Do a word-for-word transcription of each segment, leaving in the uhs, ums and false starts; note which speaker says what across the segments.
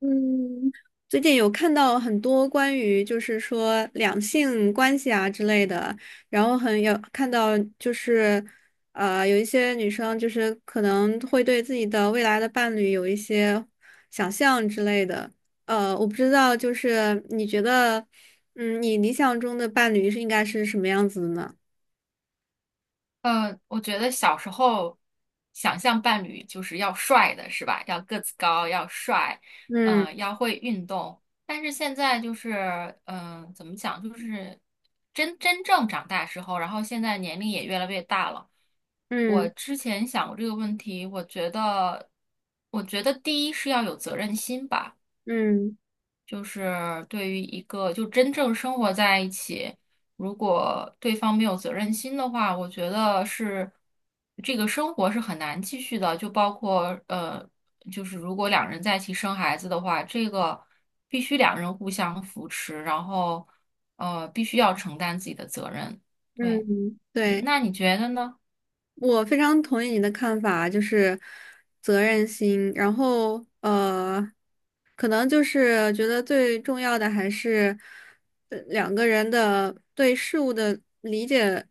Speaker 1: 嗯，最近有看到很多关于就是说两性关系啊之类的，然后很有看到就是，呃，有一些女生就是可能会对自己的未来的伴侣有一些想象之类的。呃，我不知道，就是你觉得，嗯，你理想中的伴侣是应该是什么样子的呢？
Speaker 2: 嗯，我觉得小时候想象伴侣就是要帅的，是吧？要个子高，要帅，
Speaker 1: 嗯
Speaker 2: 呃，要会运动。但是现在就是，嗯、怎么讲，就是真真正长大之后，然后现在年龄也越来越大了。我
Speaker 1: 嗯
Speaker 2: 之前想过这个问题，我觉得，我觉得第一是要有责任心吧。
Speaker 1: 嗯
Speaker 2: 就是对于一个就真正生活在一起，如果对方没有责任心的话，我觉得是这个生活是很难继续的。就包括呃，就是如果两人在一起生孩子的话，这个必须两人互相扶持，然后呃，必须要承担自己的责任。对，
Speaker 1: 嗯，
Speaker 2: 嗯
Speaker 1: 对。
Speaker 2: 那你觉得呢？
Speaker 1: 我非常同意你的看法，就是责任心，然后呃，可能就是觉得最重要的还是呃两个人的对事物的理解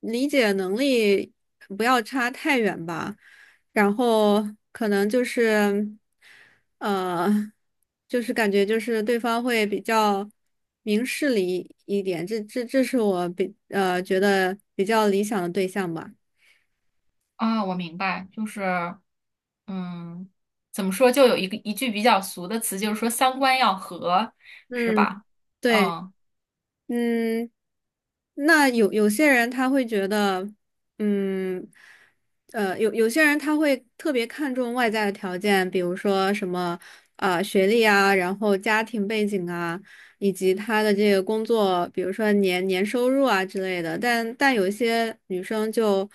Speaker 1: 理解能力不要差太远吧，然后可能就是呃，就是感觉就是对方会比较明事理一点，这这这是我比呃觉得比较理想的对象吧。
Speaker 2: 啊，我明白，就是，嗯，怎么说，就有一个一句比较俗的词，就是说三观要合，是
Speaker 1: 嗯，
Speaker 2: 吧？
Speaker 1: 对，
Speaker 2: 嗯
Speaker 1: 嗯，那有有些人他会觉得，嗯，呃，有有些人他会特别看重外在的条件，比如说什么啊、呃学历啊，然后家庭背景啊，以及他的这个工作，比如说年年收入啊之类的。但但有一些女生就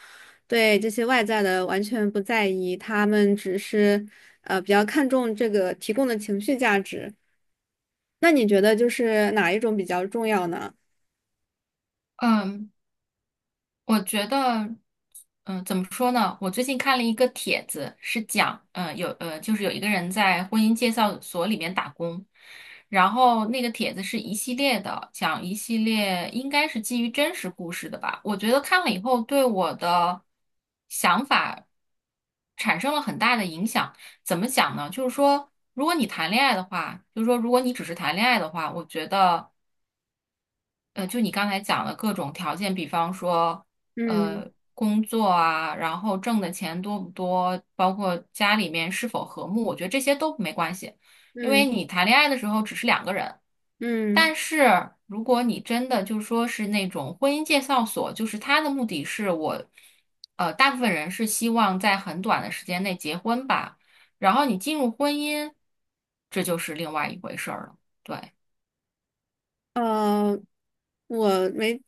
Speaker 1: 对这些外在的完全不在意，她们只是呃比较看重这个提供的情绪价值。那你觉得就是哪一种比较重要呢？
Speaker 2: 嗯，我觉得，嗯、怎么说呢？我最近看了一个帖子，是讲，嗯、有，呃，就是有一个人在婚姻介绍所里面打工，然后那个帖子是一系列的，讲一系列应该是基于真实故事的吧。我觉得看了以后对我的想法产生了很大的影响。怎么讲呢？就是说，如果你谈恋爱的话，就是说，如果你只是谈恋爱的话，我觉得。呃，就你刚才讲的各种条件，比方说，
Speaker 1: 嗯
Speaker 2: 呃，工作啊，然后挣的钱多不多，包括家里面是否和睦，我觉得这些都没关系，因为
Speaker 1: 嗯
Speaker 2: 你谈恋爱的时候只是两个人。
Speaker 1: 嗯，
Speaker 2: 但是如果你真的就说是那种婚姻介绍所，就是他的目的是我，呃，大部分人是希望在很短的时间内结婚吧，然后你进入婚姻，这就是另外一回事儿了。对。
Speaker 1: 呃，我没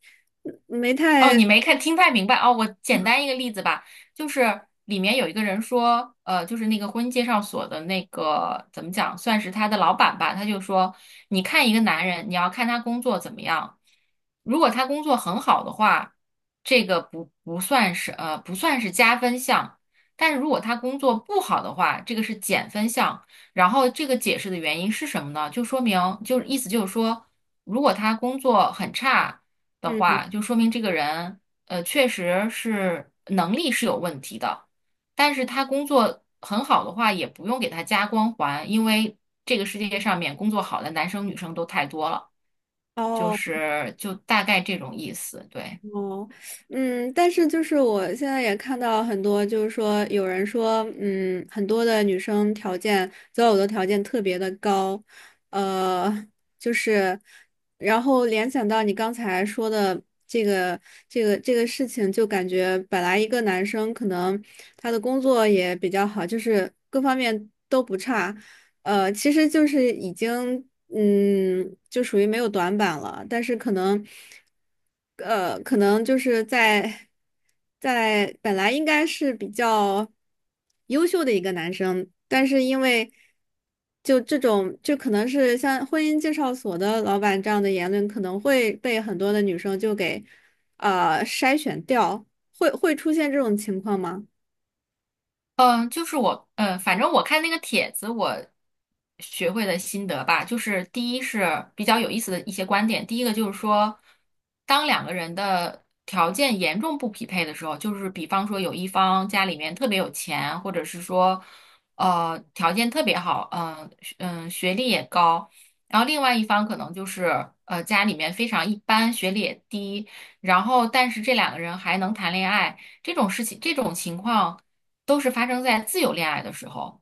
Speaker 1: 没
Speaker 2: 哦，
Speaker 1: 太
Speaker 2: 你没看听太明白哦。我简单一个例子吧，就是里面有一个人说，呃，就是那个婚姻介绍所的那个怎么讲，算是他的老板吧，他就说，你看一个男人，你要看他工作怎么样，如果他工作很好的话，这个不不算是呃不算是加分项，但是如果他工作不好的话，这个是减分项。然后这个解释的原因是什么呢？就说明就是意思就是说，如果他工作很差。的
Speaker 1: 嗯
Speaker 2: 话，就说明这个人呃确实是能力是有问题的。但是他工作很好的话，也不用给他加光环，因为这个世界上面工作好的男生女生都太多了，就
Speaker 1: 哦。
Speaker 2: 是就大概这种意思，对。
Speaker 1: 哦，嗯，但是就是我现在也看到很多，就是说有人说，嗯，很多的女生条件择偶的条件特别的高，呃，就是，然后联想到你刚才说的这个这个这个事情，就感觉本来一个男生可能他的工作也比较好，就是各方面都不差，呃，其实就是已经，嗯，就属于没有短板了，但是可能，呃，可能就是在在本来应该是比较优秀的一个男生，但是因为就这种，就可能是像婚姻介绍所的老板这样的言论，可能会被很多的女生就给呃筛选掉，会会出现这种情况吗？
Speaker 2: 嗯，就是我，嗯，反正我看那个帖子，我学会的心得吧，就是第一是比较有意思的一些观点，第一个就是说，当两个人的条件严重不匹配的时候，就是比方说有一方家里面特别有钱，或者是说，呃，条件特别好，嗯、嗯，学历也高，然后另外一方可能就是呃家里面非常一般，学历也低，然后但是这两个人还能谈恋爱，这种事情，这种情况。都是发生在自由恋爱的时候，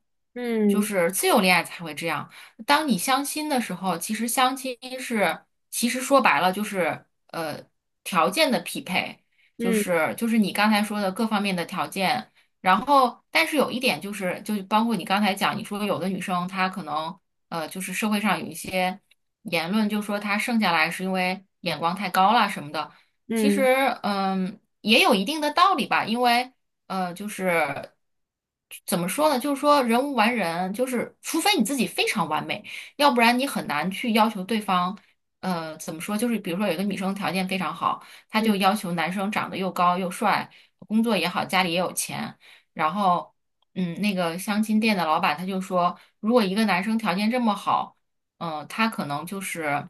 Speaker 2: 就
Speaker 1: 嗯
Speaker 2: 是自由恋爱才会这样。当你相亲的时候，其实相亲是，其实说白了就是呃条件的匹配，就
Speaker 1: 嗯
Speaker 2: 是就是你刚才说的各方面的条件。然后，但是有一点就是，就包括你刚才讲，你说有的女生她可能呃就是社会上有一些言论，就说她剩下来是因为眼光太高了什么的。其
Speaker 1: 嗯
Speaker 2: 实，嗯，也有一定的道理吧，因为。呃，就是怎么说呢？就是说人无完人，就是除非你自己非常完美，要不然你很难去要求对方。呃，怎么说？就是比如说有一个女生条件非常好，她就
Speaker 1: 嗯
Speaker 2: 要求男生长得又高又帅，工作也好，家里也有钱。然后，嗯，那个相亲店的老板他就说，如果一个男生条件这么好，嗯、他可能就是。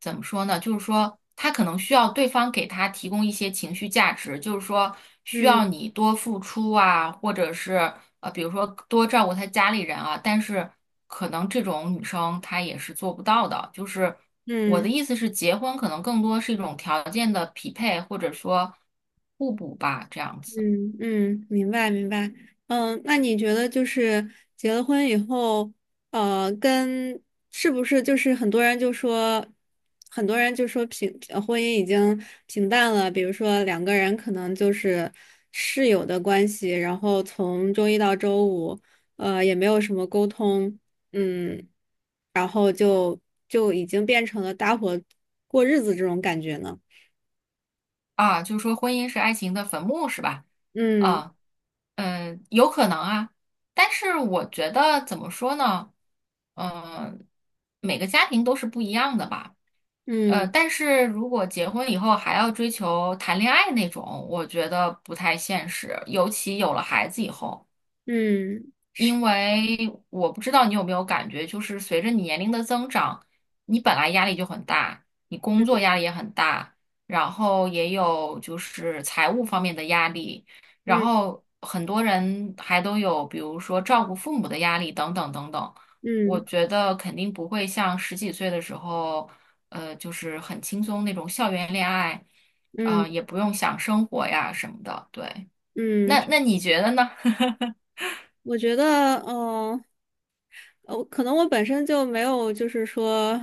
Speaker 2: 怎么说呢？就是说，他可能需要对方给他提供一些情绪价值，就是说需
Speaker 1: 嗯
Speaker 2: 要
Speaker 1: 嗯。
Speaker 2: 你多付出啊，或者是呃，比如说多照顾他家里人啊。但是可能这种女生她也是做不到的。就是我的
Speaker 1: 嗯
Speaker 2: 意思是，结婚可能更多是一种条件的匹配，或者说互补吧，这样子
Speaker 1: 嗯嗯，明白明白。嗯，那你觉得就是结了婚以后，呃，跟是不是就是很多人就说，很多人就说平呃婚姻已经平淡了，比如说两个人可能就是室友的关系，然后从周一到周五，呃，也没有什么沟通，嗯，然后就就已经变成了搭伙过日子这种感觉呢。
Speaker 2: 啊，就是说婚姻是爱情的坟墓，是吧？
Speaker 1: 嗯
Speaker 2: 啊。嗯，有可能啊，但是我觉得怎么说呢？嗯，每个家庭都是不一样的吧。呃，
Speaker 1: 嗯
Speaker 2: 但是如果结婚以后还要追求谈恋爱那种，我觉得不太现实，尤其有了孩子以后。
Speaker 1: 嗯
Speaker 2: 因为我不知道你有没有感觉，就是随着你年龄的增长，你本来压力就很大，你工作压力也很大，然后也有就是财务方面的压力，然
Speaker 1: 嗯
Speaker 2: 后很多人还都有，比如说照顾父母的压力等等等等。我
Speaker 1: 嗯。
Speaker 2: 觉得肯定不会像十几岁的时候，呃，就是很轻松那种校园恋爱，啊、
Speaker 1: 嗯
Speaker 2: 也不用想生活呀什么的。对，
Speaker 1: 嗯，
Speaker 2: 那那你觉得呢？
Speaker 1: 我觉得，嗯，呃我可能我本身就没有，就是说，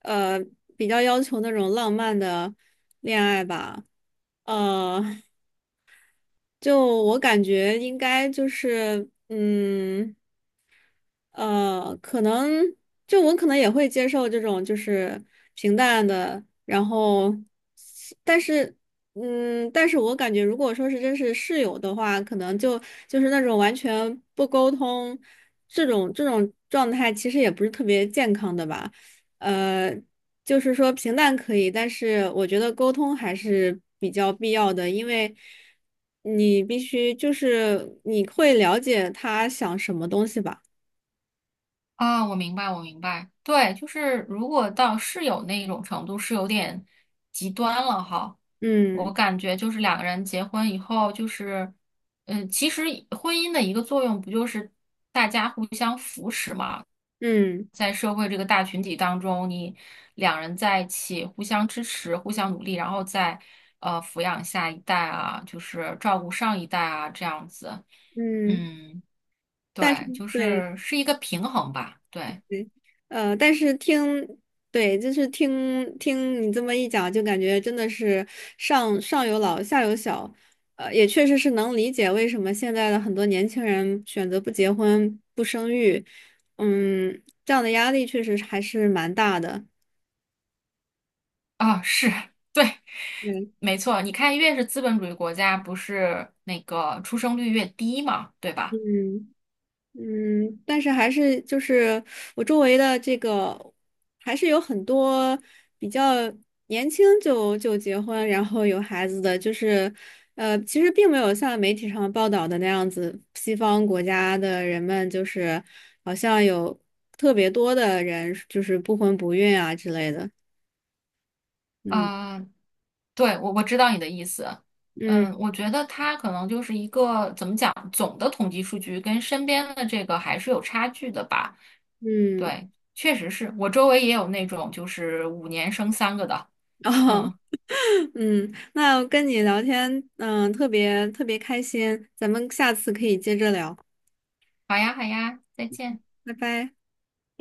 Speaker 1: 呃，比较要求那种浪漫的恋爱吧，呃，就我感觉应该就是，嗯。呃，可能就我可能也会接受这种就是平淡的，然后，但是，嗯，但是我感觉如果说是真是室友的话，可能就就是那种完全不沟通，这种这种状态其实也不是特别健康的吧，呃，就是说平淡可以，但是我觉得沟通还是比较必要的，因为。你必须就是你会了解他想什么东西吧。
Speaker 2: 啊，我明白，我明白。对，就是如果到室友那种程度，是有点极端了哈。我
Speaker 1: 嗯
Speaker 2: 感觉就是两个人结婚以后，就是，呃，其实婚姻的一个作用不就是大家互相扶持嘛？
Speaker 1: 嗯
Speaker 2: 在社会这个大群体当中，你两人在一起互相支持、互相努力，然后再呃抚养下一代啊，就是照顾上一代啊，这样子。
Speaker 1: 嗯，
Speaker 2: 嗯，
Speaker 1: 但是
Speaker 2: 对，就
Speaker 1: 对
Speaker 2: 是是一个平衡吧，对。
Speaker 1: 对，呃，但是听，对，就是听听你这么一讲，就感觉真的是上上有老下有小，呃，也确实是能理解为什么现在的很多年轻人选择不结婚不生育，嗯，这样的压力确实还是蛮大的。
Speaker 2: 啊，是，对，
Speaker 1: 对，
Speaker 2: 没错。你看，越是资本主义国家，不是那个出生率越低嘛，对吧？
Speaker 1: 嗯。嗯，但是还是就是我周围的这个，还是有很多比较年轻就就结婚，然后有孩子的，就是呃，其实并没有像媒体上报道的那样子，西方国家的人们就是好像有特别多的人就是不婚不孕啊之类的。嗯
Speaker 2: 嗯，对，我我知道你的意思。
Speaker 1: 嗯
Speaker 2: 嗯，我觉得它可能就是一个怎么讲，总的统计数据跟身边的这个还是有差距的吧。
Speaker 1: 嗯，
Speaker 2: 对，确实是我周围也有那种就是五年生三个的。
Speaker 1: 哦，
Speaker 2: 嗯，
Speaker 1: 嗯，那我跟你聊天，嗯，特别特别开心，咱们下次可以接着聊，
Speaker 2: 好呀，好呀，再见。
Speaker 1: 拜拜。